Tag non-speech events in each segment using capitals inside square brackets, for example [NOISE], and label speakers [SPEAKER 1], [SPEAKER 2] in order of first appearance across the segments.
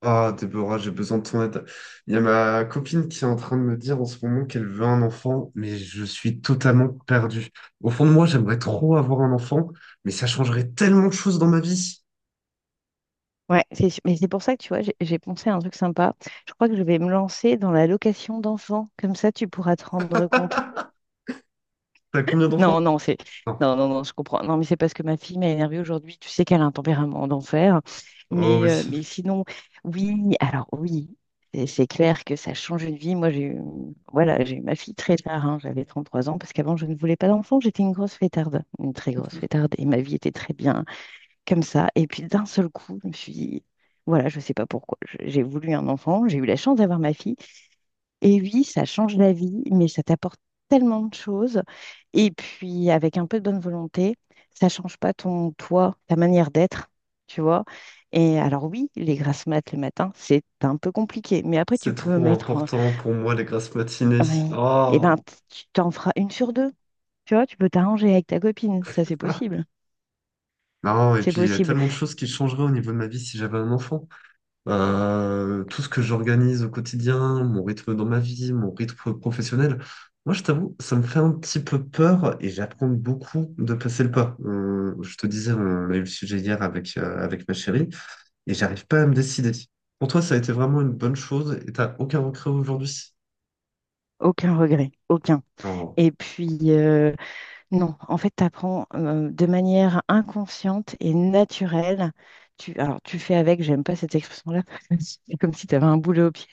[SPEAKER 1] Ah, Déborah, j'ai besoin de ton aide. Il y a ma copine qui est en train de me dire en ce moment qu'elle veut un enfant, mais je suis totalement perdu. Au fond de moi, j'aimerais trop avoir un enfant, mais ça changerait tellement de choses dans ma vie.
[SPEAKER 2] Mais c'est pour ça que tu vois, j'ai pensé à un truc sympa. Je crois que je vais me lancer dans la location d'enfants. Comme ça, tu pourras te rendre compte.
[SPEAKER 1] [LAUGHS] T'as combien d'enfants?
[SPEAKER 2] Non, non, c'est.
[SPEAKER 1] Non.
[SPEAKER 2] Non, non, non, je comprends. Non, mais c'est parce que ma fille m'a énervée aujourd'hui. Tu sais qu'elle a un tempérament d'enfer.
[SPEAKER 1] Oh oui,
[SPEAKER 2] Mais sinon, oui, alors oui, c'est clair que ça change une vie. Moi, j'ai eu, voilà, j'ai eu ma fille très tard, hein. J'avais 33 ans parce qu'avant, je ne voulais pas d'enfant. J'étais une grosse fêtarde, une très grosse fêtarde. Et ma vie était très bien comme ça. Et puis d'un seul coup, je me suis dit, voilà, je ne sais pas pourquoi. J'ai voulu un enfant, j'ai eu la chance d'avoir ma fille. Et oui, ça change la vie, mais ça t'apporte tellement de choses. Et puis, avec un peu de bonne volonté, ça ne change pas ton toi, ta manière d'être, tu vois. Et alors oui, les grasses mat le matin, c'est un peu compliqué. Mais après, tu
[SPEAKER 1] c'est
[SPEAKER 2] peux
[SPEAKER 1] trop
[SPEAKER 2] mettre,
[SPEAKER 1] important pour moi, les grasses matinées.
[SPEAKER 2] oui, et ben,
[SPEAKER 1] Oh.
[SPEAKER 2] tu t'en feras une sur deux. Tu vois, tu peux t'arranger avec ta copine. Ça,
[SPEAKER 1] [LAUGHS]
[SPEAKER 2] c'est
[SPEAKER 1] Ah.
[SPEAKER 2] possible.
[SPEAKER 1] Non, et
[SPEAKER 2] C'est
[SPEAKER 1] puis il y a
[SPEAKER 2] possible.
[SPEAKER 1] tellement de choses qui changeraient au niveau de ma vie si j'avais un enfant. Tout ce que j'organise au quotidien, mon rythme dans ma vie, mon rythme professionnel. Moi, je t'avoue, ça me fait un petit peu peur et j'apprends beaucoup de passer le pas. Je te disais, on a eu le sujet hier avec, avec ma chérie et j'arrive pas à me décider. Pour toi, ça a été vraiment une bonne chose et t'as aucun regret aujourd'hui.
[SPEAKER 2] Aucun regret. Aucun.
[SPEAKER 1] Alors,
[SPEAKER 2] Et puis, non, en fait, tu apprends de manière inconsciente et naturelle. Tu, alors, tu fais avec, j'aime pas cette expression-là, [LAUGHS] parce que c'est comme si tu avais un boulet au pied.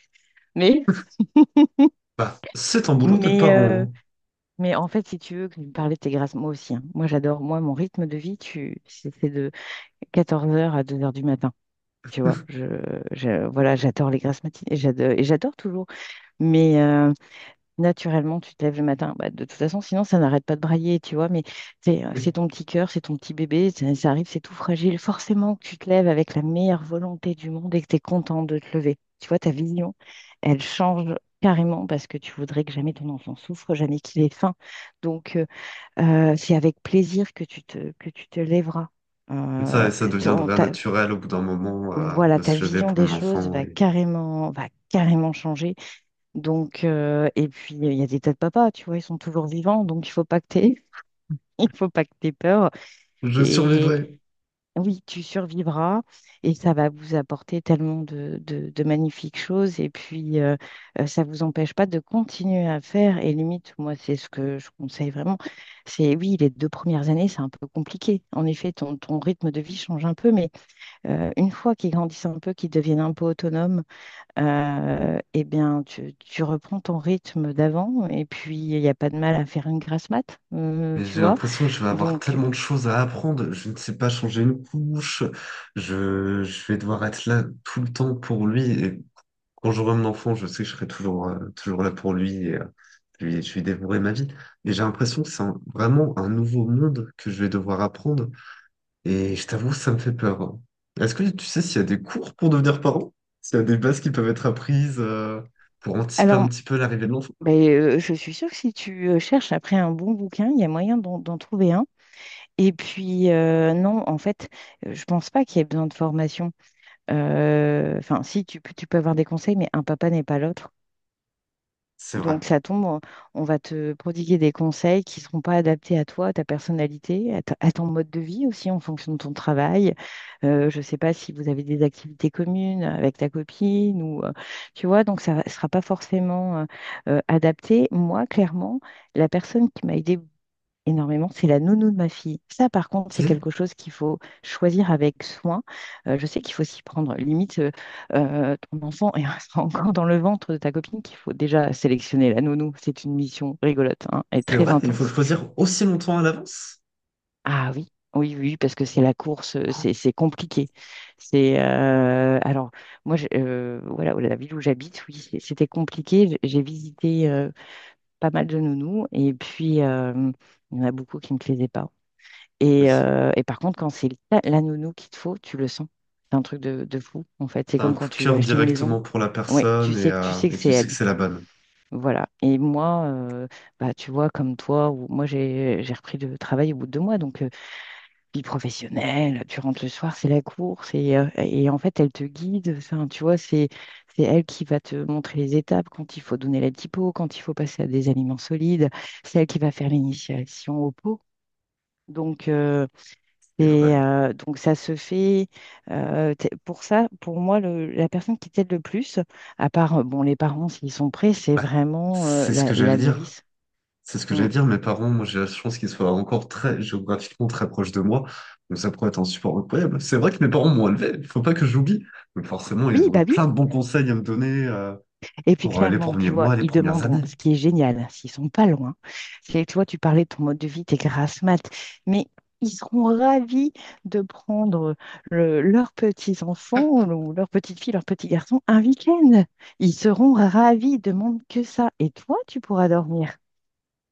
[SPEAKER 2] Mais,
[SPEAKER 1] bah, c'est ton boulot d'être
[SPEAKER 2] mais,
[SPEAKER 1] parent,
[SPEAKER 2] euh,
[SPEAKER 1] hein.
[SPEAKER 2] mais en fait, si tu veux que je parlais de tes grâces, moi aussi, hein. Moi, j'adore, moi, mon rythme de vie, tu, c'est de 14 heures à 2 heures du matin. Tu vois, je, voilà, j'adore les grâces matinées, et j'adore toujours. Mais, naturellement, tu te lèves le matin. Bah, de toute façon, sinon, ça n'arrête pas de brailler, tu vois. Mais c'est
[SPEAKER 1] Oui.
[SPEAKER 2] ton petit cœur, c'est ton petit bébé, ça arrive, c'est tout fragile. Forcément que tu te lèves avec la meilleure volonté du monde et que tu es content de te lever. Tu vois, ta vision, elle change carrément parce que tu voudrais que jamais ton enfant souffre, jamais qu'il ait faim. Donc, c'est avec plaisir que que tu te lèveras.
[SPEAKER 1] Et
[SPEAKER 2] Euh,
[SPEAKER 1] ça
[SPEAKER 2] ton-
[SPEAKER 1] deviendrait
[SPEAKER 2] ta-
[SPEAKER 1] naturel au bout d'un moment,
[SPEAKER 2] voilà,
[SPEAKER 1] de
[SPEAKER 2] ta
[SPEAKER 1] se lever
[SPEAKER 2] vision
[SPEAKER 1] pour
[SPEAKER 2] des
[SPEAKER 1] mon
[SPEAKER 2] choses
[SPEAKER 1] enfant et
[SPEAKER 2] va carrément changer. Donc, et puis, il y a des tas de papas, tu vois, ils sont toujours vivants, donc il faut pas que t'aies, [LAUGHS] il faut pas que t'aies peur.
[SPEAKER 1] je
[SPEAKER 2] Et
[SPEAKER 1] survivrai.
[SPEAKER 2] oui, tu survivras et ça va vous apporter tellement de magnifiques choses. Et puis, ça vous empêche pas de continuer à faire. Et limite, moi, c'est ce que je conseille vraiment. C'est oui, les 2 premières années, c'est un peu compliqué. En effet, ton rythme de vie change un peu, mais une fois qu'ils grandissent un peu, qu'ils deviennent un peu autonomes, eh bien, tu reprends ton rythme d'avant et puis il n'y a pas de mal à faire une grasse mat,
[SPEAKER 1] Mais
[SPEAKER 2] tu
[SPEAKER 1] j'ai
[SPEAKER 2] vois.
[SPEAKER 1] l'impression que je vais avoir
[SPEAKER 2] Donc,
[SPEAKER 1] tellement de choses à apprendre. Je ne sais pas changer une couche. Je vais devoir être là tout le temps pour lui. Et quand j'aurai mon enfant, je sais que je serai toujours, toujours là pour lui. Et, je lui dévorerai ma vie. Et j'ai l'impression que c'est vraiment un nouveau monde que je vais devoir apprendre. Et je t'avoue, ça me fait peur, hein. Est-ce que tu sais s'il y a des cours pour devenir parent? S'il y a des bases qui peuvent être apprises, pour anticiper un
[SPEAKER 2] alors,
[SPEAKER 1] petit peu l'arrivée de l'enfant?
[SPEAKER 2] ben, je suis sûre que si tu cherches après un bon bouquin, il y a moyen d'en trouver un. Et puis, non, en fait, je pense pas qu'il y ait besoin de formation. Enfin, si, tu peux avoir des conseils, mais un papa n'est pas l'autre.
[SPEAKER 1] C'est vrai.
[SPEAKER 2] Donc ça tombe, on va te prodiguer des conseils qui ne seront pas adaptés à toi, à ta personnalité, à, à ton mode de vie aussi en fonction de ton travail. Je ne sais pas si vous avez des activités communes avec ta copine ou tu vois, donc ça ne sera pas forcément adapté. Moi, clairement, la personne qui m'a aidée énormément, c'est la nounou de ma fille. Ça, par contre, c'est
[SPEAKER 1] Ok.
[SPEAKER 2] quelque chose qu'il faut choisir avec soin. Je sais qu'il faut s'y prendre. Limite, ton enfant est [LAUGHS] encore dans le ventre de ta copine qu'il faut déjà sélectionner la nounou. C'est une mission rigolote, hein, et
[SPEAKER 1] C'est
[SPEAKER 2] très
[SPEAKER 1] vrai, il faut le
[SPEAKER 2] intense.
[SPEAKER 1] choisir aussi longtemps à l'avance?
[SPEAKER 2] Ah oui, oui, oui, parce que c'est la course, c'est compliqué. C'est Alors moi, voilà, la ville où j'habite, oui, c'était compliqué. J'ai visité pas mal de nounous, et puis il y en a beaucoup qui ne me plaisaient pas.
[SPEAKER 1] Oui.
[SPEAKER 2] Et par contre, quand c'est la nounou qu'il te faut, tu le sens. C'est un truc de fou, en fait. C'est
[SPEAKER 1] T'as un
[SPEAKER 2] comme quand
[SPEAKER 1] coup de
[SPEAKER 2] tu vas
[SPEAKER 1] cœur
[SPEAKER 2] acheter une maison.
[SPEAKER 1] directement pour la
[SPEAKER 2] Ouais, tu
[SPEAKER 1] personne
[SPEAKER 2] sais, tu sais que
[SPEAKER 1] et
[SPEAKER 2] c'est
[SPEAKER 1] tu
[SPEAKER 2] elle.
[SPEAKER 1] sais que c'est la bonne.
[SPEAKER 2] Voilà. Et moi, bah, tu vois, comme toi, moi, j'ai repris le travail au bout de 2 mois. Donc, vie professionnelle, tu rentres le soir, c'est la course. Et en fait, elle te guide. Enfin, tu vois, c'est elle qui va te montrer les étapes, quand il faut donner la typo, quand il faut passer à des aliments solides. C'est elle qui va faire l'initiation au pot. Donc,
[SPEAKER 1] C'est vrai.
[SPEAKER 2] donc ça se fait pour ça, pour moi, la personne qui t'aide le plus, à part bon, les parents s'ils sont prêts, c'est
[SPEAKER 1] Bah,
[SPEAKER 2] vraiment
[SPEAKER 1] c'est ce que j'allais
[SPEAKER 2] la
[SPEAKER 1] dire.
[SPEAKER 2] nourrice.
[SPEAKER 1] C'est ce que
[SPEAKER 2] Mm.
[SPEAKER 1] j'allais dire. Mes parents, moi, j'ai la chance qu'ils soient encore très géographiquement très proches de moi. Donc ça pourrait être un support incroyable. C'est vrai que mes parents m'ont élevé. Il faut pas que j'oublie. Donc forcément,
[SPEAKER 2] Oui,
[SPEAKER 1] ils ont
[SPEAKER 2] bah
[SPEAKER 1] eu
[SPEAKER 2] oui.
[SPEAKER 1] plein de bons conseils à me donner
[SPEAKER 2] Et puis
[SPEAKER 1] pour les
[SPEAKER 2] clairement,
[SPEAKER 1] premiers
[SPEAKER 2] tu vois,
[SPEAKER 1] mois, les
[SPEAKER 2] ils
[SPEAKER 1] premières
[SPEAKER 2] demanderont,
[SPEAKER 1] années.
[SPEAKER 2] ce qui est génial, s'ils sont pas loin. C'est, tu vois, tu parlais de ton mode de vie, tes grasses mat, mais ils seront ravis de prendre leurs petits-enfants ou leurs petites filles, leurs petits garçons un week-end. Ils seront ravis, ils demandent que ça. Et toi, tu pourras dormir.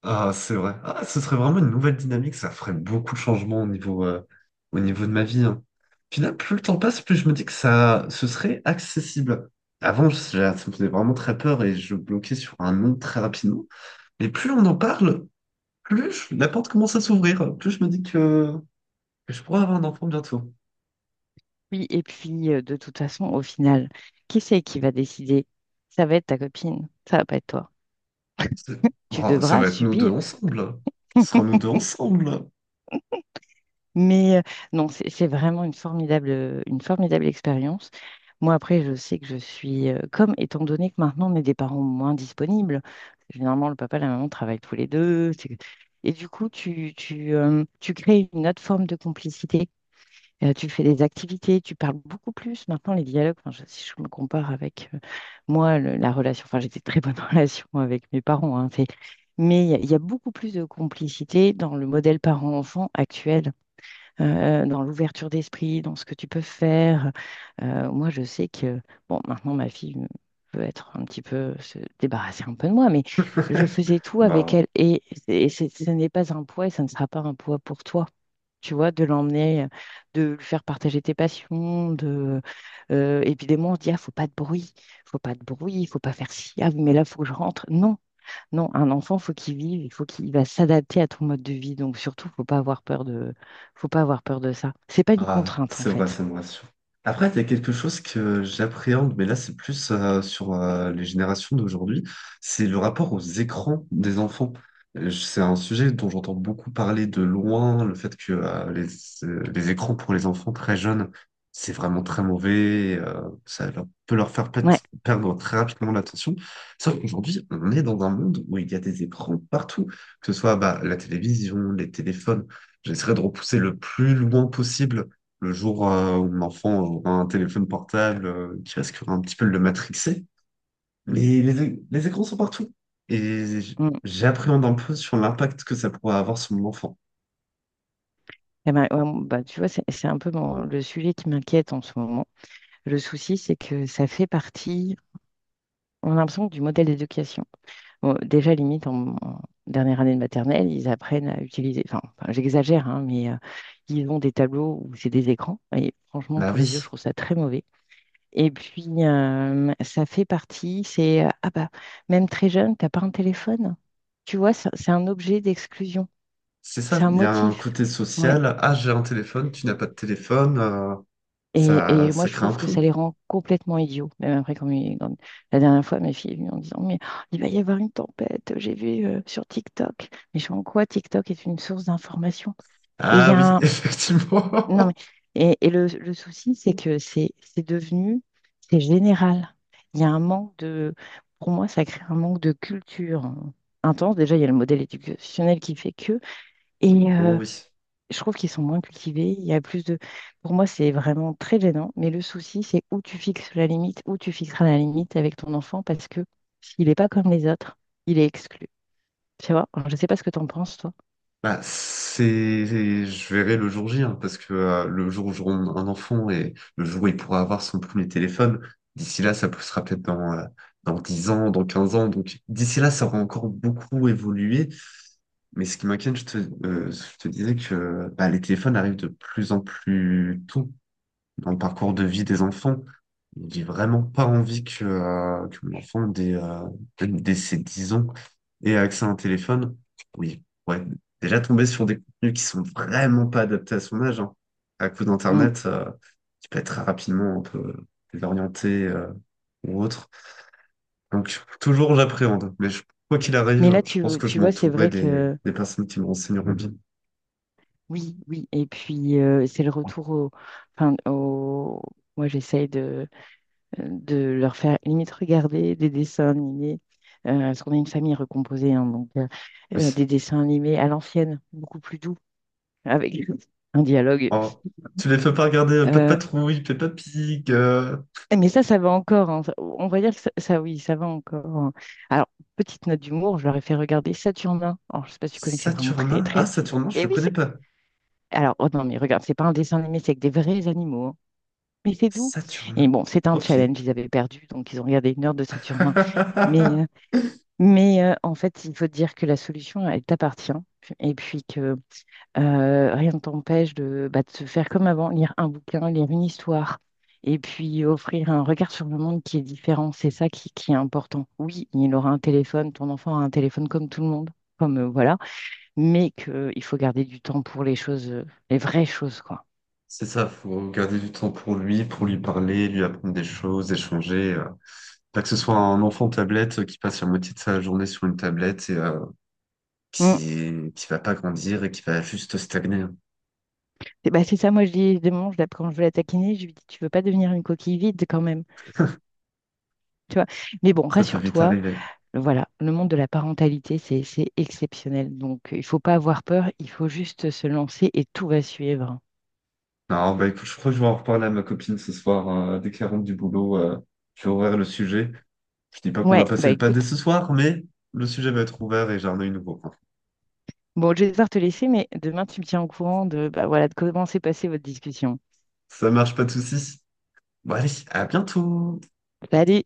[SPEAKER 1] Ah, c'est vrai. Ah, ce serait vraiment une nouvelle dynamique, ça ferait beaucoup de changements au niveau de ma vie, hein. Puis là, plus le temps passe, plus je me dis que ça, ce serait accessible. Avant, ça me faisait vraiment très peur et je bloquais sur un nom très rapidement. Mais plus on en parle, plus la porte commence à s'ouvrir, plus je me dis que je pourrais avoir un enfant bientôt.
[SPEAKER 2] Oui, et puis de toute façon, au final, qui c'est qui va décider? Ça va être ta copine, ça va pas être toi.
[SPEAKER 1] C'est-
[SPEAKER 2] Tu
[SPEAKER 1] Oh, ça
[SPEAKER 2] devras
[SPEAKER 1] va être nous deux
[SPEAKER 2] subir.
[SPEAKER 1] ensemble. Ce sera nous deux ensemble.
[SPEAKER 2] Mais non, c'est vraiment une formidable expérience. Moi, après, je sais que je suis comme, étant donné que maintenant on est des parents moins disponibles, généralement le papa et la maman travaillent tous les deux. Et du coup, tu crées une autre forme de complicité. Tu fais des activités, tu parles beaucoup plus. Maintenant, les dialogues, enfin, si je me compare avec moi, la relation, enfin, j'étais très bonne [LAUGHS] relation avec mes parents, hein, mais il y a beaucoup plus de complicité dans le modèle parent-enfant actuel, dans l'ouverture d'esprit, dans ce que tu peux faire. Moi, je sais que, bon, maintenant, ma fille peut être un petit peu, se débarrasser un peu de moi, mais je faisais
[SPEAKER 1] [LAUGHS]
[SPEAKER 2] tout avec
[SPEAKER 1] Bah.
[SPEAKER 2] elle et, ce n'est pas un poids et ça ne sera pas un poids pour toi, tu vois, de l'emmener, de lui faire partager tes passions, de évidemment on se dit ah faut pas de bruit, faut pas de bruit, faut pas faire ci, ah oui, mais là faut que je rentre. Non, non, un enfant faut qu'il vive, il faut qu'il va s'adapter à ton mode de vie, donc surtout faut pas avoir peur de ça. C'est pas une
[SPEAKER 1] Ah,
[SPEAKER 2] contrainte en
[SPEAKER 1] c'est vrai,
[SPEAKER 2] fait.
[SPEAKER 1] ça me rassure. Après, il y a quelque chose que j'appréhende, mais là, c'est plus sur les générations d'aujourd'hui, c'est le rapport aux écrans des enfants. C'est un sujet dont j'entends beaucoup parler de loin, le fait que les écrans pour les enfants très jeunes, c'est vraiment très mauvais, ça peut leur faire
[SPEAKER 2] Ouais.
[SPEAKER 1] perdre très rapidement l'attention. Sauf qu'aujourd'hui, on est dans un monde où il y a des écrans partout, que ce soit bah, la télévision, les téléphones. J'essaierai de repousser le plus loin possible le jour où l'enfant aura un téléphone portable qui risquera un petit peu de le matrixer. Mais les écrans sont partout. Et
[SPEAKER 2] Mm.
[SPEAKER 1] j'appréhende un peu sur l'impact que ça pourrait avoir sur mon enfant.
[SPEAKER 2] Eh ben, ouais, bah, tu vois, c'est un peu le sujet qui m'inquiète en ce moment. Le souci, c'est que ça fait partie, on a l'impression, du modèle d'éducation. Bon, déjà, limite, en dernière année de maternelle, ils apprennent à utiliser, enfin, j'exagère, hein, mais ils ont des tableaux où c'est des écrans. Et franchement,
[SPEAKER 1] La
[SPEAKER 2] pour les yeux, je
[SPEAKER 1] vie,
[SPEAKER 2] trouve ça très mauvais. Et puis, ça fait partie, c'est, ah bah, même très jeune, t'as pas un téléphone. Tu vois, c'est un objet d'exclusion.
[SPEAKER 1] c'est
[SPEAKER 2] C'est
[SPEAKER 1] ça.
[SPEAKER 2] un
[SPEAKER 1] Il y a un
[SPEAKER 2] motif.
[SPEAKER 1] côté
[SPEAKER 2] Ouais.
[SPEAKER 1] social. Ah, j'ai un téléphone, tu n'as pas de téléphone. Ça,
[SPEAKER 2] Et moi,
[SPEAKER 1] ça
[SPEAKER 2] je
[SPEAKER 1] crée un
[SPEAKER 2] trouve que ça
[SPEAKER 1] pont.
[SPEAKER 2] les rend complètement idiots. Même après, comme la dernière fois, mes filles est en disant, mais oh, il va y avoir une tempête, j'ai vu sur TikTok. Mais je suis en quoi TikTok est une source d'information? Et il y
[SPEAKER 1] Ah
[SPEAKER 2] a
[SPEAKER 1] oui, [LAUGHS]
[SPEAKER 2] un... Non, mais...
[SPEAKER 1] effectivement.
[SPEAKER 2] Et le souci, c'est que c'est devenu... C'est général. Il y a un manque de... Pour moi, ça crée un manque de culture, hein, intense. Déjà, il y a le modèle éducationnel qui fait que... Et,
[SPEAKER 1] Oh oui.
[SPEAKER 2] je trouve qu'ils sont moins cultivés. Il y a plus de. Pour moi, c'est vraiment très gênant. Mais le souci, c'est où tu fixes la limite, où tu fixeras la limite avec ton enfant, parce que s'il n'est pas comme les autres, il est exclu. Tu vois? Alors, je ne sais pas ce que tu en penses, toi.
[SPEAKER 1] Bah, je verrai le jour J, hein, parce que le jour où j'aurai un enfant et le jour où il pourra avoir son premier téléphone, d'ici là, ça sera peut-être dans, dans 10 ans, dans 15 ans. Donc, d'ici là, ça aura encore beaucoup évolué. Mais ce qui m'inquiète, je te disais que bah, les téléphones arrivent de plus en plus tôt dans le parcours de vie des enfants. J'ai vraiment pas envie que mon enfant, dès ses 10 ans, ait accès à un téléphone. Oui, ouais, déjà tomber sur des contenus qui sont vraiment pas adaptés à son âge, hein. À coup
[SPEAKER 2] Mm.
[SPEAKER 1] d'Internet, qui peut être très rapidement un peu désorienté, ou autre. Donc, toujours j'appréhende. Mais quoi qu'il
[SPEAKER 2] Mais
[SPEAKER 1] arrive,
[SPEAKER 2] là,
[SPEAKER 1] je pense que je
[SPEAKER 2] tu vois, c'est
[SPEAKER 1] m'entourerai
[SPEAKER 2] vrai que
[SPEAKER 1] des personnes qui me renseigneront bien.
[SPEAKER 2] oui, oui. Et puis, c'est le retour au. Enfin, au... Moi, j'essaye de leur faire limite regarder des dessins animés. Parce qu'on est une famille recomposée, hein, donc
[SPEAKER 1] Oui.
[SPEAKER 2] des dessins animés à l'ancienne, beaucoup plus doux avec [LAUGHS] un dialogue.
[SPEAKER 1] Oh, tu les fais pas regarder Pat'
[SPEAKER 2] Euh,
[SPEAKER 1] Patrouille, Peppa Pig,
[SPEAKER 2] mais ça va encore, hein. On va dire que ça, oui, ça va encore, hein. Alors, petite note d'humour, je leur ai fait regarder Saturnin. Alors, je sais pas si tu connais, c'est vraiment très,
[SPEAKER 1] Saturnin? Ah,
[SPEAKER 2] très.
[SPEAKER 1] Saturnin, je
[SPEAKER 2] Et
[SPEAKER 1] le
[SPEAKER 2] oui,
[SPEAKER 1] connais
[SPEAKER 2] c'est.
[SPEAKER 1] pas.
[SPEAKER 2] Alors, oh non, mais regarde, c'est pas un dessin animé, c'est avec des vrais animaux, hein. Mais c'est doux. Et
[SPEAKER 1] Saturnin?
[SPEAKER 2] bon, c'est un
[SPEAKER 1] Ok.
[SPEAKER 2] challenge, ils avaient perdu, donc ils ont regardé 1 heure de Saturnin. Mais,
[SPEAKER 1] [LAUGHS]
[SPEAKER 2] en fait, il faut dire que la solution, elle t'appartient. Et puis que rien ne t'empêche bah, de se faire comme avant, lire un bouquin, lire une histoire, et puis offrir un regard sur le monde qui est différent. C'est ça qui est important. Oui, il aura un téléphone, ton enfant aura un téléphone comme tout le monde, comme voilà, mais qu'il faut garder du temps pour les choses, les vraies choses, quoi.
[SPEAKER 1] C'est ça, faut garder du temps pour lui parler, lui apprendre des choses, échanger. Pas que ce soit un enfant tablette qui passe la moitié de sa journée sur une tablette et
[SPEAKER 2] Mm.
[SPEAKER 1] qui va pas grandir et qui va juste stagner, hein.
[SPEAKER 2] Et bah, c'est ça, moi je dis, des moments, quand je veux la taquiner, je lui dis, tu veux pas devenir une coquille vide quand même, tu vois. Mais bon,
[SPEAKER 1] Ça peut vite
[SPEAKER 2] rassure-toi,
[SPEAKER 1] arriver.
[SPEAKER 2] voilà, le monde de la parentalité, c'est exceptionnel. Donc, il faut pas avoir peur, il faut juste se lancer et tout va suivre.
[SPEAKER 1] Non, bah écoute, je crois que je vais en reparler à ma copine ce soir, hein, dès qu'elle rentre du boulot. Je vais ouvrir le sujet. Je dis pas qu'on va
[SPEAKER 2] Ouais,
[SPEAKER 1] passer
[SPEAKER 2] bah
[SPEAKER 1] le pâté
[SPEAKER 2] écoute,
[SPEAKER 1] ce soir, mais le sujet va être ouvert et j'en ai une nouveau.
[SPEAKER 2] bon, je vais devoir te laisser, mais demain, tu me tiens au courant de, bah, voilà, de comment s'est passée votre discussion.
[SPEAKER 1] Ça marche, pas de soucis. Bon, allez, à bientôt.
[SPEAKER 2] Salut!